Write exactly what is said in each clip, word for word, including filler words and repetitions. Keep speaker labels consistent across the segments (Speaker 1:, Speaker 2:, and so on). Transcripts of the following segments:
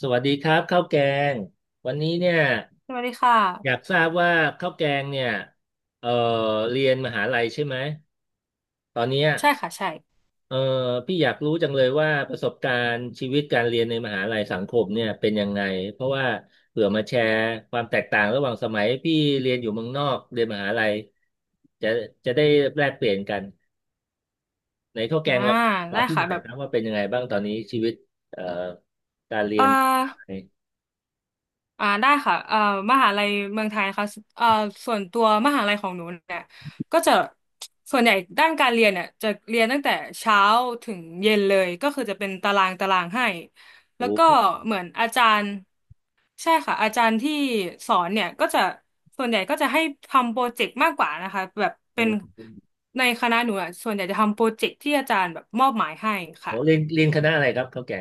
Speaker 1: สวัสดีครับข้าวแกงวันนี้เนี่ย
Speaker 2: สวัสดีค่ะ
Speaker 1: อยากทราบว่าข้าวแกงเนี่ยเอ่อเรียนมหาลัยใช่ไหมตอนเนี้ย
Speaker 2: ใช่ค่ะใช่
Speaker 1: เอ่อพี่อยากรู้จังเลยว่าประสบการณ์ชีวิตการเรียนในมหาลัยสังคมเนี่ยเป็นยังไงเพราะว่าเผื่อมาแชร์ความแตกต่างระหว่างสมัยพี่เรียนอยู่เมืองนอกเรียนมหาลัยจะจะได้แลกเปลี่ยนกันในข้าวแกง
Speaker 2: อ่า
Speaker 1: เราบอ
Speaker 2: ได้
Speaker 1: กพี่ห
Speaker 2: ค่ะ
Speaker 1: น่อย
Speaker 2: แบบ
Speaker 1: ครับว่าเป็นยังไงบ้างตอนนี้ชีวิตเอ่อการเรี
Speaker 2: เอ่
Speaker 1: ย
Speaker 2: อ
Speaker 1: นมหาลัย
Speaker 2: อ่าได้ค่ะเอ่อมหาลัยเมืองไทยนะคะเอ่อส่วนตัวมหาลัยของหนูเนี่ยก็จะส่วนใหญ่ด้านการเรียนเนี่ยจะเรียนตั้งแต่เช้าถึงเย็นเลยก็คือจะเป็นตารางตารางให้แล้ว
Speaker 1: โอ้
Speaker 2: ก็เหมือนอาจารย์ใช่ค่ะอาจารย์ที่สอนเนี่ยก็จะส่วนใหญ่ก็จะให้ทำโปรเจกต์มากกว่านะคะแบบเป็น
Speaker 1: โห
Speaker 2: ในคณะหนูอะส่วนใหญ่จะทำโปรเจกต์ที่อาจารย์แบบมอบหมายให้
Speaker 1: โอ้
Speaker 2: ค่ะ
Speaker 1: เรียนเรียนคณะอะไรครับเขาแก่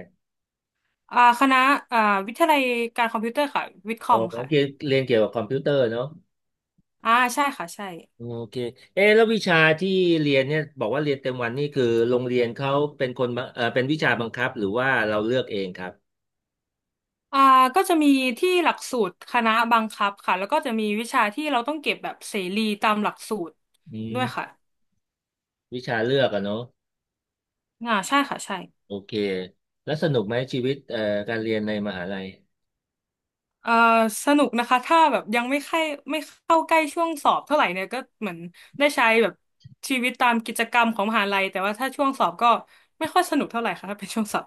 Speaker 2: อ่าคณะอ่าวิทยาลัยการคอมพิวเตอร์ค่ะวิทย์ค
Speaker 1: โอ้
Speaker 2: อม
Speaker 1: โอ
Speaker 2: ค่ะ
Speaker 1: เคเรียนเกี่ยวกับคอมพิวเตอร์เนาะ
Speaker 2: อ่าใช่ค่ะใช่
Speaker 1: โอเคเอ๊ะแล้ววิชาที่เรียนเนี่ยบอกว่าเรียนเต็มวันนี่คือโรงเรียนเขาเป็นคนบังเออเป็นวิชาบังคับหรือว่าเราเลือกเองครับ
Speaker 2: อ่าก็จะมีที่หลักสูตรคณะบังคับค่ะแล้วก็จะมีวิชาที่เราต้องเก็บแบบเสรีตามหลักสูตร
Speaker 1: อื
Speaker 2: ด้วยค่ะ
Speaker 1: มวิชาเลือกอะเนาะ
Speaker 2: อ่าใช่ค่ะใช่
Speaker 1: โอเคแล้วสนุกไหมชีวิตเอ่อการเรียนในมหาลัย
Speaker 2: เอ่อสนุกนะคะถ้าแบบยังไม่ใกล้ไม่เข้าใกล้ช่วงสอบเท่าไหร่เนี่ยก็เหมือนได้ใช้แบบชีวิตตามกิจกรรมของมหาลัยแต่ว่าถ้าช่วงสอบก็ไม่ค่อยสนุกเท่าไหร่ค่ะถ้าเป็นช่วงสอบ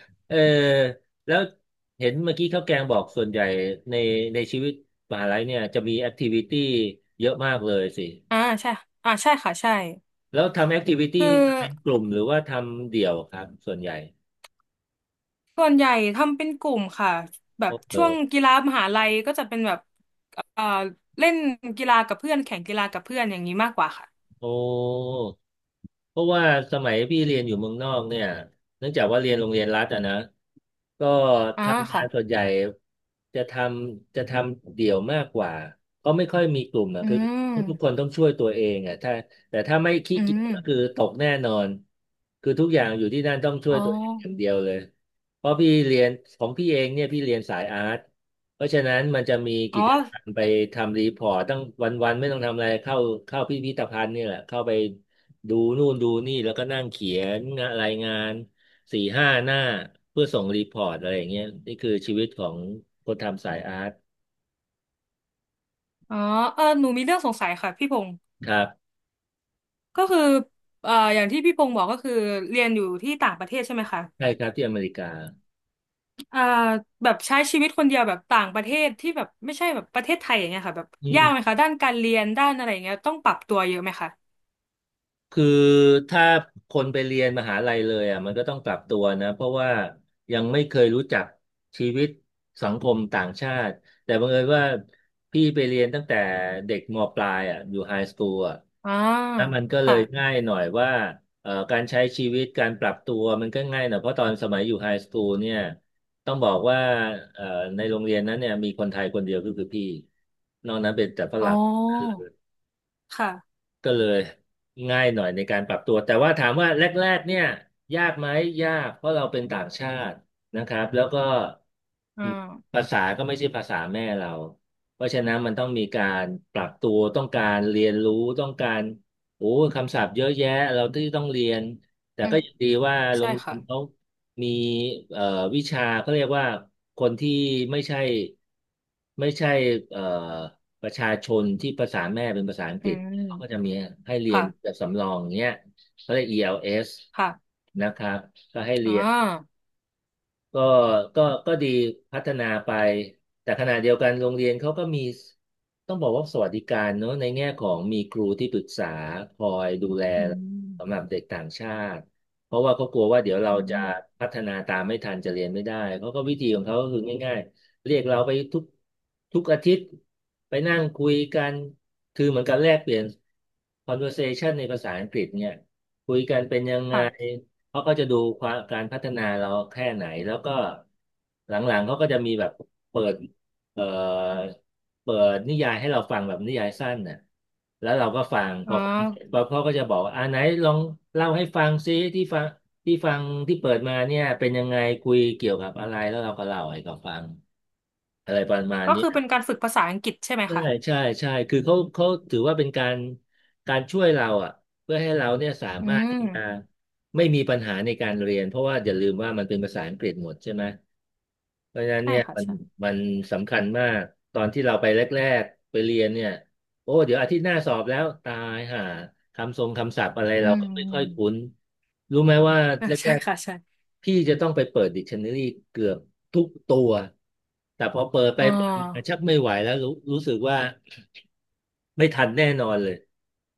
Speaker 1: เออแล้วเห็นเมื่อกี้ข้าวแกงบอกส่วนใหญ่ในในชีวิตมหาลัยเนี่ยจะมีแอคทิวิตี้เยอะมากเลยสิ
Speaker 2: อ่าใช่อ่าใช่ค่ะใช่
Speaker 1: แล้วทำแอคทิวิ
Speaker 2: คือ
Speaker 1: ตี้เป็นกลุ่มหรือว่าทำเดี่ยวครับส่วนใหญ่
Speaker 2: ส่วนใหญ่ทำเป็นกลุ่มค่ะแบ
Speaker 1: โอ้
Speaker 2: บ
Speaker 1: เออ
Speaker 2: ช่วงกีฬามหาลัยก็จะเป็นแบบเอ่อเล่นกีฬากับเพื่อนแข่งกีฬากับเพื่อนอย่างนี้มากกว่าค่ะ
Speaker 1: โอ้ เพราะว่าสมัยพี่เรียนอยู่เมืองนอกเนี่ยเนื่องจากว่าเรียนโรงเรียนรัฐอะนะก็
Speaker 2: อ่า
Speaker 1: ทำงา
Speaker 2: ค่ะ
Speaker 1: นส่วนใหญ่จะทำจะทำเดี่ยวมากกว่าก็ไม่ค่อยมีกลุ่มอะ
Speaker 2: อื
Speaker 1: คือทุกค
Speaker 2: ม
Speaker 1: นต้องช่วยตัวเองอะถ้าแต่ถ้าไม่ขี้
Speaker 2: อื
Speaker 1: เกียจ
Speaker 2: ม
Speaker 1: ก็คือตกแน่นอนคือทุกอย่างอยู่ที่นั่นต้องช่ว
Speaker 2: อ๋
Speaker 1: ย
Speaker 2: อ
Speaker 1: ตัวเองอย่างเดียวเลยเพราะพี่เรียนของพี่เองเนี่ยพี่เรียนสายอาร์ตเพราะฉะนั้นมันจะมี
Speaker 2: อ๋
Speaker 1: กิ
Speaker 2: อ
Speaker 1: จกรรมไปทำรีพอร์ตตั้งวันๆไม่ต้องทำอะไรเข้าเข้าพิพิธภัณฑ์นี่แหละเข้าไป ดูนู่นดูนี่แล้วก็นั่งเขียนรายงานสี่ห้าหน้าเพื่อส่งรีพอร์ตอะไรอย่างเงี้ยนี่คือชีวิตของคนทำสายอาร์ต
Speaker 2: อ๋อเออหนูมีเรื่องสงสัยค่ะพี่พงศ์
Speaker 1: ครับ
Speaker 2: ก็คือเอ่ออย่างที่พี่พงศ์บอกก็คือเรียนอยู่ที่ต่างประเทศใช่ไหมคะ
Speaker 1: ใช่ครับที่อเมริกา
Speaker 2: เอ่อแบบใช้ชีวิตคนเดียวแบบต่างประเทศที่แบบไม่ใช่แบบประเทศไทยอย่างเงี้ยค่ะแบบ
Speaker 1: อื
Speaker 2: ยาก
Speaker 1: ม
Speaker 2: ไหมคะด้านการเรียนด้านอะไรอย่างเงี้ยต้องปรับตัวเยอะไหมคะ
Speaker 1: คือถ้าคนไปเรียนมหาลัยเลยอ่ะมันก็ต้องปรับตัวนะเพราะว่ายังไม่เคยรู้จักชีวิตสังคมต่างชาติแต่บังเอิญว่าพี่ไปเรียนตั้งแต่เด็กมปลายอ่ะอยู่ไฮสคูลอ่ะ
Speaker 2: อ่า
Speaker 1: แล้วมันก็เล
Speaker 2: ค่ะ
Speaker 1: ยง่ายหน่อยว่าเอ่อการใช้ชีวิตการปรับตัวมันก็ง่ายหน่อยเพราะตอนสมัยอยู่ไฮสคูลเนี่ยต้องบอกว่าเอ่อในโรงเรียนนั้นเนี่ยมีคนไทยคนเดียวก็คือพี่นอกนั้นเป็นแต่ฝ
Speaker 2: อ๋อ
Speaker 1: รั่ง
Speaker 2: ค่ะ
Speaker 1: ก็เลยง่ายหน่อยในการปรับตัวแต่ว่าถามว่าแรกๆเนี่ยยากไหมยากเพราะเราเป็นต่างชาตินะครับแล้วก็
Speaker 2: อ่า
Speaker 1: ภาษาก็ไม่ใช่ภาษาแม่เราเพราะฉะนั้นมันต้องมีการปรับตัวต้องการเรียนรู้ต้องการโอ้คำศัพท์เยอะแยะเราที่ต้องเรียนแต่
Speaker 2: อื
Speaker 1: ก็
Speaker 2: ม
Speaker 1: ยังดีว่าโร
Speaker 2: ใช่
Speaker 1: งเรีย
Speaker 2: ค่ะ
Speaker 1: นเขามีเอ่อวิชาเขาเรียกว่าคนที่ไม่ใช่ไม่ใช่เอ่อประชาชนที่ภาษาแม่เป็นภาษาอังก
Speaker 2: อื
Speaker 1: ฤษ เขาก็จะ
Speaker 2: ม
Speaker 1: มีให้เรียนแบ
Speaker 2: ค่ะ
Speaker 1: บสำรองเนี้ยเขาเรียก อี แอล เอส
Speaker 2: ค่ะ
Speaker 1: นะครับก็ให้เรี
Speaker 2: อ่
Speaker 1: ยน
Speaker 2: า
Speaker 1: ก็ก็ก็ดีพัฒนาไป แต่ขณะเดียวกันโรงเรียนเขาก็มี ต้องบอกว่าสวัสดิการเนอะในแง่ของมีครูที่ปรึกษาคอยดูแล
Speaker 2: อืม
Speaker 1: สำหรับเด็กต่างชาติ เพราะว่าเขากลัวว่าเดี๋ยวเรา
Speaker 2: อื
Speaker 1: จะ
Speaker 2: ม
Speaker 1: พัฒนาตามไม่ทันจะเรียนไม่ได้เขาก็วิธีของเขาก็คือง่ายๆ เรียกเราไปทุกทุกอาทิตย์ไปนั่งคุยกัน คือเหมือนกันแลกเปลี่ยน conversation ในภาษาอังกฤษเนี่ยคุยกันเป็นยังไง
Speaker 2: ค่ะ
Speaker 1: เขาก็จะดูความการพัฒนาเราแค่ไหนแล้วก็หลังๆเขาก็จะมีแบบเปิดเอ่อเปิดนิยายให้เราฟังแบบนิยายสั้นน่ะแล้วเราก็ฟังพ
Speaker 2: อ่
Speaker 1: อฟังพ
Speaker 2: า
Speaker 1: อเขาก็จะบอกว่าอ่าไหนลองเล่าให้ฟังซิที่ฟังที่ฟังที่เปิดมาเนี่ยเป็นยังไงคุยเกี่ยวกับอะไรแล้วเราก็เล่าให้เขาฟังอะไรประมาณ
Speaker 2: ก็
Speaker 1: นี้
Speaker 2: คือเป็นการฝึกภาษาอังกฤษใช่ไหม
Speaker 1: ใช่
Speaker 2: คะ
Speaker 1: ใช่ใช่คือเขาเขาถือว่าเป็นการการช่วยเราอ่ะเพื่อให้เราเนี่ยสาม
Speaker 2: อื
Speaker 1: มารถ
Speaker 2: ม
Speaker 1: ที่จะไม่มีปัญหาในการเรียนเพราะว่าอย่าลืมว่ามันเป็นภาษาอังกฤษหมดใช่ไหมเพราะฉะนั้น
Speaker 2: ใช่
Speaker 1: เนี่ย
Speaker 2: ค่ะ
Speaker 1: มัน
Speaker 2: ใช่
Speaker 1: มันสำคัญมากตอนที่เราไปแรกๆไปเรียนเนี่ย โอ้ เดี๋ยวอาทิตย์หน้าสอบแล้วตายห่าคำทรงคำศัพท์อะไร
Speaker 2: อื
Speaker 1: เราก็ไม่ค่อยคุ้
Speaker 2: ม
Speaker 1: นรู้ไหมว่า
Speaker 2: อ่า
Speaker 1: แร
Speaker 2: ใช่
Speaker 1: ก
Speaker 2: ค่ะใช่
Speaker 1: ๆพี่จะต้องไปเปิดดิกชันนารีเกือบทุกตัวแต่พอเปิดไป
Speaker 2: อ่
Speaker 1: เปิดมา
Speaker 2: า
Speaker 1: ชักไม่ไหวแล้วรู้รู้สึกว่าไม่ทันแน่นอนเลย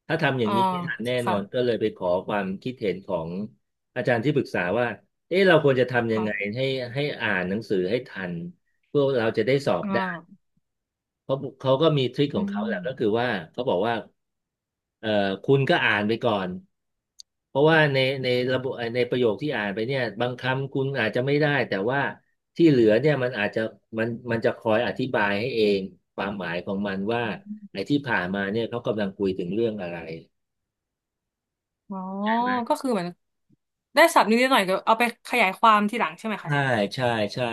Speaker 1: ถ้าทำอย่าง
Speaker 2: อ่า
Speaker 1: นี้ไม่ทันแน่นอ
Speaker 2: ค่ะ
Speaker 1: นก็เลยไปขอความคิดเห็นของอาจารย์ที่ปรึกษาว่าเอ๊ะเราควรจะทำยัง
Speaker 2: ค่ะ
Speaker 1: ไงให้ให้อ่านหนังสือให้ทันพวกเราจะได้สอบ
Speaker 2: อ่
Speaker 1: ได้
Speaker 2: า
Speaker 1: เขาเขาก็มีทริคข
Speaker 2: อื
Speaker 1: องเขาแห
Speaker 2: ม
Speaker 1: ละก็คือว่าเขาบอกว่าเอ่อคุณก็อ่านไปก่อนเพราะว่าในในระบบในประโยคที่อ่านไปเนี่ยบางคำคุณอาจจะไม่ได้แต่ว่าที่เหลือเนี่ยมันอาจจะมันมันจะคอยอธิบายให้เองความหมายของมันว่าไอ้ที่ผ่านมาเนี่ยเขากำลังคุยถึงเรื่องอะไร
Speaker 2: อ๋อก็คือเหมือนได้ศัพท์นิดๆหน่อยๆเดี๋ยวเอาไปขยายความทีหลังใช่ไหมคะ
Speaker 1: ใช่ใช่ใช่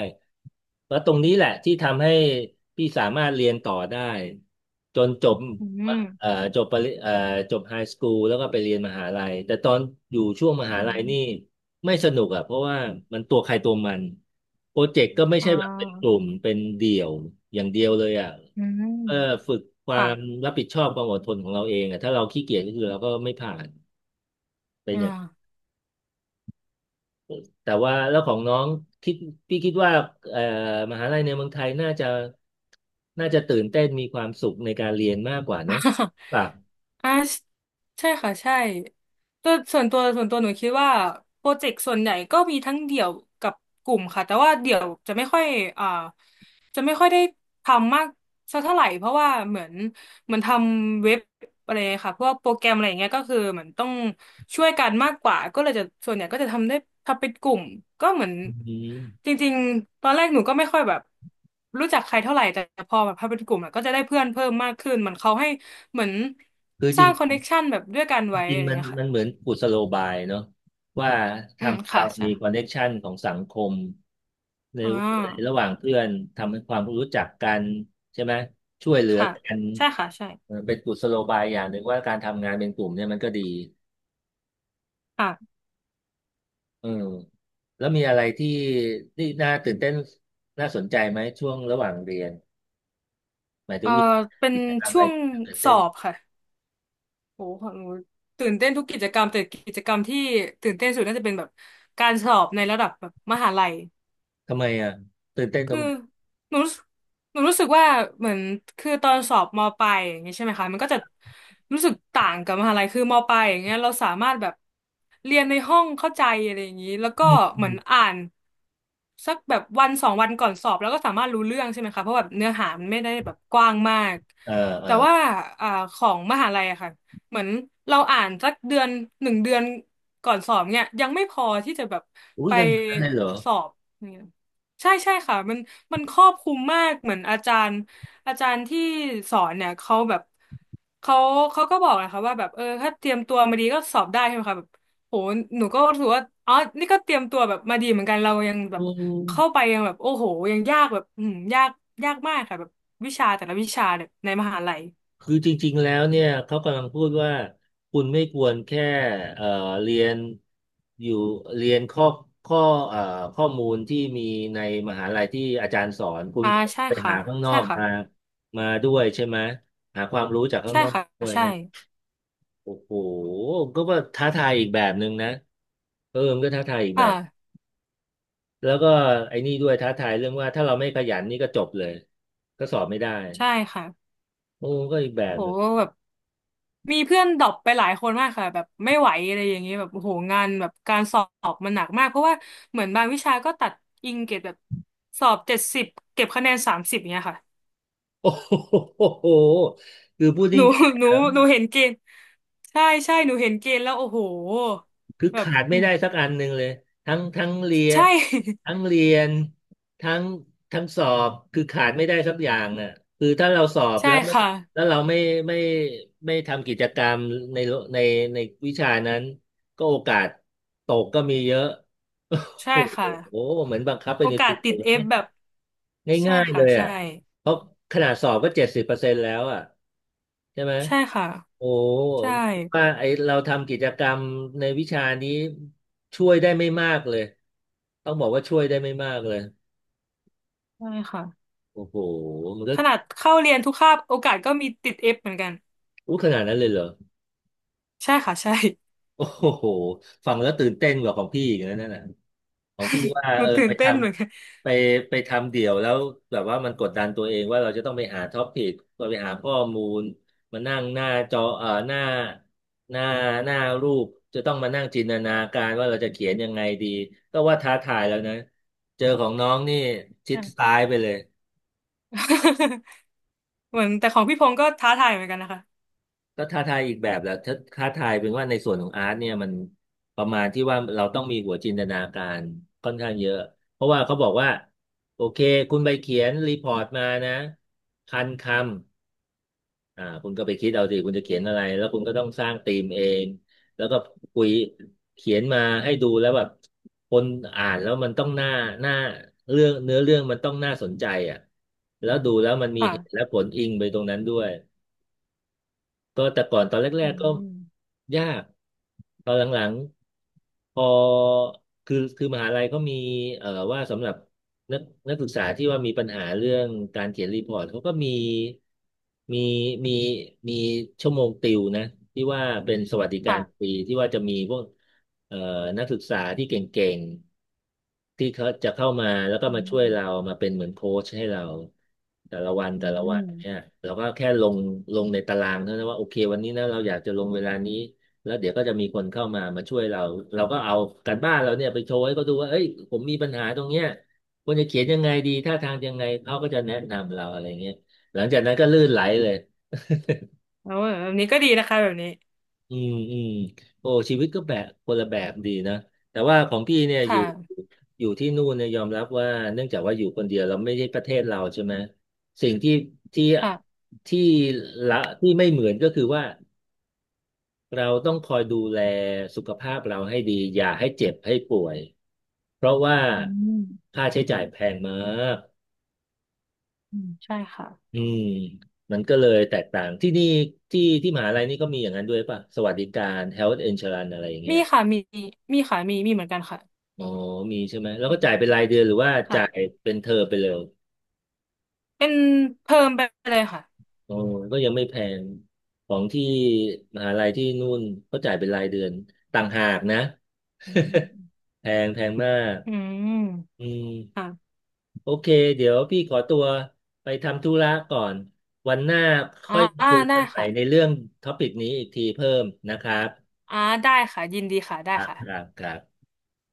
Speaker 1: แล้วตรงนี้แหละที่ทำให้พี่สามารถเรียนต่อได้จนจบ
Speaker 2: อื
Speaker 1: มะเอ่อ
Speaker 2: ม
Speaker 1: จบปริเอ่อจบไฮสคูลแล้วก็ไปเรียนมหาลัยแต่ตอนอยู่ช่วงม
Speaker 2: อื
Speaker 1: หาลัยนี่
Speaker 2: ม
Speaker 1: ไม่สนุกอ่ะเพราะว่ามันตัวใครตัวมันโปรเจกต์ก็ไม่
Speaker 2: อ่
Speaker 1: ใช่แบบเป็นกลุ่
Speaker 2: า
Speaker 1: มเป็นเดี่ยวอย่างเดียวเลยอ่ะ
Speaker 2: อื
Speaker 1: เออ
Speaker 2: ม
Speaker 1: ฝึกความ
Speaker 2: ค่ะ
Speaker 1: รับผิดชอบความอดทนของเราเองอ่ะถ้าเราขี้เกียจก็คือเราก็ไม่ผ่าน
Speaker 2: อ่า
Speaker 1: แต่ว่าแล้วของน้องคิดพี่คิดว่าเอ่อมหาลัยในเมืองไทยน่าจะน่าจะตื่นเต้นมีความสุขในการเรียนมากกว่าเนอะ ป่ะ
Speaker 2: อ่าใช่ค่ะใช่แต่ส่วนตัวส่วนตัวหนูคิดว่าโปรเจกต์ส่วนใหญ่ก็มีทั้งเดี่ยวกับกลุ่มค่ะแต่ว่าเดี่ยวจะไม่ค่อยอ่าจะไม่ค่อยได้ทำมากสักเท่าไหร่เพราะว่าเหมือนเหมือนทำเว็บอะไรค่ะพวกโปรแกรมอะไรอย่างเงี้ยก็คือเหมือนต้องช่วยกันมากกว่าก็เลยจะส่วนใหญ่ก็จะทำได้ทำเป็นกลุ่มก็เหมือน
Speaker 1: อืม
Speaker 2: จริงๆตอนแรกหนูก็ไม่ค่อยแบบรู้จักใครเท่าไหร่แต่พอแบบพอเป็นกลุ่มอะก็จะได้เพื่อนเพิ่มมากขึ้นมันเขาให้ เหมือน
Speaker 1: คือ
Speaker 2: ส
Speaker 1: จริ
Speaker 2: ร้า
Speaker 1: ง
Speaker 2: งคอนเนคชันแบบด้วยกันไว้
Speaker 1: จริ
Speaker 2: อะ
Speaker 1: ง
Speaker 2: ไร
Speaker 1: มัน
Speaker 2: เงี้ยค่ะ
Speaker 1: มันเหมือนกุศโลบายเนอะว่า
Speaker 2: อืม
Speaker 1: ทำให้
Speaker 2: ค่ะ
Speaker 1: เรา
Speaker 2: ใช่
Speaker 1: มีคอนเน t ชันของสังคมใน
Speaker 2: อ่
Speaker 1: ในระห
Speaker 2: า
Speaker 1: ว่างเพื่อนทำให้ความรู้จักกันใช่ไหมช่วยเหลือ
Speaker 2: ค่ะ
Speaker 1: กัน
Speaker 2: ใช่ค่ะใช่
Speaker 1: เออเป็นกุศโลบายอย่างหนึ่งว่าการทำงานเป็นกลุ่มเนี่ยมันก็ดี
Speaker 2: ค่ะ
Speaker 1: เออแล้วมีอะไรที่ที่น่าตื่นเต้นน่าสนใจไหมช่วงระหว่างเรียนหมายถึ
Speaker 2: เอ่อ
Speaker 1: งมี
Speaker 2: เป็น
Speaker 1: กิจกรรมอะ
Speaker 2: ช่
Speaker 1: ไร
Speaker 2: วง
Speaker 1: ที่น่าตื่น
Speaker 2: ส
Speaker 1: เต้
Speaker 2: อ
Speaker 1: น
Speaker 2: บค่ะโหของหนูตื่นเต้นทุกกิจกรรม แต่กิจกรรมที่ตื่นเต้นสุดน่าจะเป็นแบบการสอบในระดับแบบมหาลัย
Speaker 1: ทำไมอ่ะตื่นเต้นตร
Speaker 2: คือ
Speaker 1: งไหน
Speaker 2: หนูรู้สึกหนูรู้สึกว่าเหมือนคือตอนสอบมปลายอย่างเงี้ยใช่ไหมคะมันก็จะรู้สึกต่างกับมหาลัยคือมปลายอย่างเงี้ยเราสามารถแบบเรียนในห้องเข้าใจอะไรอย่างงี้แล้วก็
Speaker 1: อืมอื
Speaker 2: เหมือน
Speaker 1: ม
Speaker 2: อ่านสักแบบวันสองวันก่อนสอบแล้วก็สามารถรู้เรื่องใช่ไหมคะเพราะแบบเนื้อหามันไม่ได้แบบกว้างมาก
Speaker 1: เออเออ
Speaker 2: แต่ว่าอ่าของมหาลัยอะค่ะเหมือนเราอ่านสักเดือนหนึ่งเดือนก่อนสอบเนี่ยยังไม่พอที่จะแบบ
Speaker 1: อุ้ย
Speaker 2: ไป
Speaker 1: กันขนาดนั้นเลยเหรอ
Speaker 2: สอบ ใช่ใช่ค่ะมันมันครอบคลุมมากเหมือนอาจารย์อาจารย์ที่สอนเนี่ยเขาแบบเขาเขาก็บอกนะคะว่าแบบเออถ้าเตรียมตัวมาดีก็สอบได้ใช่ไหมคะแบบโหหนูก็รู้สึกว่าอ๋อนี่ก็เตรียมตัวแบบมาดีเหมือนกันเรายังแบ
Speaker 1: อื
Speaker 2: บเข้า
Speaker 1: ม
Speaker 2: ไปยังแบบโอ้โหยังยากแบบอืมยากยากมากค่ะแบบวิชาแต่ละวิชาเนี่ยในมหาลัย
Speaker 1: คือจริงๆ แล้วเนี่ยเขากำลังพูดว่าคุณไม่ควรแค่เอ่อเรียนอยู่เรียนข้อข้อเอ่อข้อมูลที่มีในมหาลัยที่อาจารย์สอนคุณ
Speaker 2: อ่าใช่
Speaker 1: ไป
Speaker 2: ค่ะ
Speaker 1: หาข้างนอ
Speaker 2: ใช่
Speaker 1: ก
Speaker 2: ค่ะ
Speaker 1: มามาด้วยใช่ไหมหาความรู้จากข้าง
Speaker 2: ใช่
Speaker 1: นอก
Speaker 2: ค่ะ
Speaker 1: ด้วย
Speaker 2: ใช่
Speaker 1: ใช่ไหมโอ้โหก็ว่าท้าทายอีกแบบหนึ่งนะเออมันก็ท้าทายอีก
Speaker 2: อ
Speaker 1: แบบ
Speaker 2: ่า
Speaker 1: แล้วก็ไอ้นี่ด้วยท้าทายเรื่องว่าถ้าเราไม่ขยันนี่ก็จบเลยก็สอบไม่ได้
Speaker 2: ใช่ค่ะ
Speaker 1: โอ้ก็อีกแบ
Speaker 2: โ
Speaker 1: บ
Speaker 2: ห มีเพื่อนดรอปไปหลายคนมากค่ะแบบไม่ไหวอะไรอย่างเงี้ยแบบโอ้โหงานแบบการสอบมันหนักมากเพราะว่าเหมือนบางวิชาก็ตัดอิงเกรดแบบสอบเจ็ดสิบเก็บคะแนนสามสิบเนี้ยค่ะ
Speaker 1: โอ้โหคือพูด ง
Speaker 2: หนู
Speaker 1: ่าย
Speaker 2: ห
Speaker 1: ๆ
Speaker 2: นูห
Speaker 1: อะ
Speaker 2: นูเห็นเกณฑ์ใช่ใช่หนูเห็นเกณฑ์แล้วโอ้โห
Speaker 1: คือ
Speaker 2: แบบ
Speaker 1: ขาดไม่
Speaker 2: อืม
Speaker 1: ได้สักอันหนึ่งเลยทั้งทั้งเรียน
Speaker 2: ใช่
Speaker 1: ทั้งเรียนทั้งทั้งสอบคือขาดไม่ได้สักอย่างอ่ะคือถ้าเราสอบ
Speaker 2: ใช่
Speaker 1: แล้วไม่
Speaker 2: ค่ะ
Speaker 1: แล้วเราไม่ไม่ไม่ทำกิจกรรมในในในวิชานั้นก็โอกาสตกก็มีเยอะ
Speaker 2: ใช่
Speaker 1: โอ้
Speaker 2: ค่ะ
Speaker 1: โหเหมือนบังคับไป
Speaker 2: โอ
Speaker 1: ใน
Speaker 2: กา
Speaker 1: ตั
Speaker 2: ส
Speaker 1: วเล
Speaker 2: ติด
Speaker 1: ย
Speaker 2: เอฟ
Speaker 1: เนี่ย
Speaker 2: แบบใช่
Speaker 1: ง่ายๆเล
Speaker 2: ค่ะ
Speaker 1: ย
Speaker 2: ใช่
Speaker 1: อ่ะเพราะขนาดสอบก็เจ็ดสิบเปอร์เซ็นต์แล้วอ่ะใช่ไหม
Speaker 2: ใช่ค่ะ
Speaker 1: โอ้
Speaker 2: ใช่
Speaker 1: ว่าไอเราทำกิจกรรมในวิชานี้ช่วยได้ไม่มากเลยต้องบอกว่าช่วยได้ไม่มากเลย
Speaker 2: ใช่ค่ะ
Speaker 1: โอ้โหมันก็
Speaker 2: ขนาดเข้าเรียนทุกคาบโอกาสก็มีติดเอฟเหมือนกัน
Speaker 1: อู้ขนาดนั้นเลยเหรอ
Speaker 2: ใช่ค่ะใช่
Speaker 1: โอ้โหฟังแล้วตื่นเต้นกว่าของพี่อีกนะนั่นน่ะ ของพี่ว่า
Speaker 2: หนู
Speaker 1: เออ
Speaker 2: ตื่
Speaker 1: ไป
Speaker 2: น
Speaker 1: ท
Speaker 2: เต้นเหมือนกัน
Speaker 1: ำไปไปทำเดี่ยวแล้วแบบว่ามันกดดันตัวเองว่าเราจะต้องไปหาท็อปิกเราไปหาข้อมูลมานั่งหน้าจอเอ่อหน้าหน้าหน้ารูปจะต้องมานั่งจินตนาการว่าเราจะเขียนยังไงดีก็ว่าท้าทายแล้วนะเจอของน้องนี่ชิ
Speaker 2: อ
Speaker 1: ด
Speaker 2: ม
Speaker 1: ซ้ายไปเลย
Speaker 2: เหมือนแต่ของพี่พงศ์ก็ท้าทายเหมือนกันนะคะ
Speaker 1: ก็ท้าทายอีกแบบแหละถ้าท้าทายเป็นว่าในส่วนของอาร์ตเนี่ยมันประมาณที่ว่าเราต้องมีหัวจินตนาการค่อนข้างเยอะเพราะว่าเขาบอกว่าโอเคคุณไปเขียนรีพอร์ตมานะพันคำอ่าคุณก็ไปคิดเอาสิคุณจะเขียนอะไรแล้วคุณก็ต้องสร้างธีมเองแล้วก็คุยเขียนมาให้ดูแล้วแบบคนอ่านแล้วมันต้องน่าน่าเรื่องเนื้อเรื่องมันต้องน่าสนใจอ่ะแล้วดูแล้วมันมีเหตุ
Speaker 2: ค่ะ
Speaker 1: และผลอิงไปตรงนั้นด้วย ก็แต่ก่อนตอนแร
Speaker 2: อื
Speaker 1: กๆก็
Speaker 2: ม
Speaker 1: ยากตอนหลังๆพอคือคือมหาลัยก็มีเอ่อว่าสำหรับนักนักศึกษาที่ว่ามีปัญหาเรื่องการเขียนรีพอร์ตเขาก็มีมีมีมีชั่วโมงติวนะที่ว่าเป็นสวัสดิกา
Speaker 2: ค่ะ
Speaker 1: รฟรีที่ว่าจะมีพวก เอ่อนักศึกษาที่เก่งๆที่เขาจะเข้ามาแล้วก็
Speaker 2: อื
Speaker 1: มาช่วยเรา
Speaker 2: ม
Speaker 1: มาเป็นเหมือนโค้ชให้เราแต่ละวัน
Speaker 2: อื
Speaker 1: แต่ละวัน
Speaker 2: ม
Speaker 1: เนี่ยเราก็แค่ลงลงในตารางเท่านั้นว่าโอเควันนี้นะเราอยากจะลงเวลานี้แล้วเดี๋ยวก็จะมีคนเข้ามามาช่วยเราเราก็เอาการบ้านเราเนี่ยไปโชว์ให้เขาดูว่าเอ้ยผมมีปัญหาตรงเนี้ยควรจะเขียนยังไงดีท่าทางยังไงเขาก็จะแนะนำเราอะไรเงี้ยหลังจากนั้นก็ลื่นไหลเลย
Speaker 2: เแบบนี้ก็ดีนะคะแบบนี้
Speaker 1: อืมอืมโอ้ชีวิตก็แบบคนละแบบดีนะแต่ว่าของพี่เนี่ย
Speaker 2: ค
Speaker 1: อยู่
Speaker 2: ่ะ
Speaker 1: อยู่ที่นู่นเนี่ยยอมรับว่าเนื่องจากว่าอยู่คนเดียวเราไม่ใช่ประเทศเราใช่ไหมสิ่งที่ที่
Speaker 2: ค่ะ
Speaker 1: ที่ละที่ไม่เหมือนก็คือว่าเราต้องคอยดูแลสุขภาพเราให้ดีอย่าให้เจ็บให้ป่วยเพราะว่า
Speaker 2: อืม
Speaker 1: ค่าใช้จ่ายแพงมาก
Speaker 2: อืมใช่ค่ะ
Speaker 1: อืมมันก็เลยแตกต่างที่นี่ที่ที่มหาลัยนี่ก็มีอย่างนั้นด้วยป่ะสวัสดิการ เฮลท์ อินชัวรันส์ อะไรอย่างเงี้
Speaker 2: มี
Speaker 1: ย
Speaker 2: ค่ะมีมีค่ะมีมีเหมือนกันค่ะ
Speaker 1: อ๋อมีใช่ไหม แล้ว
Speaker 2: อื
Speaker 1: ก็จ่ายเป็น
Speaker 2: ม
Speaker 1: รายเดือนหรือว่าจ่าย
Speaker 2: ค่ะ
Speaker 1: เป็นเทอมไปเลย
Speaker 2: เป็นเพิ่มไปเลยค่ะ
Speaker 1: อ๋อก็ยังไม่แพงของที่มหาลัยที่นู่นเขาจ่ายเป็นรายเดือนต่างหากนะ
Speaker 2: อืม
Speaker 1: แพงแพงมาก
Speaker 2: อืม
Speaker 1: อืม
Speaker 2: ค่ะ
Speaker 1: โอเค เดี๋ยวพี่ขอตัวไปทำธุระก่อนวันหน้า
Speaker 2: อ่า
Speaker 1: ค่อยมา
Speaker 2: อ่า
Speaker 1: คุย
Speaker 2: ได้
Speaker 1: กันใหม่ใน
Speaker 2: ค่ะ
Speaker 1: เรื่องท็อปิกนี้อีกทีเพิ่มนะครับ
Speaker 2: อ่าได้ค่ะ ยินดีค่ะ ได้
Speaker 1: ครับ
Speaker 2: ค่ะ
Speaker 1: ครับครับ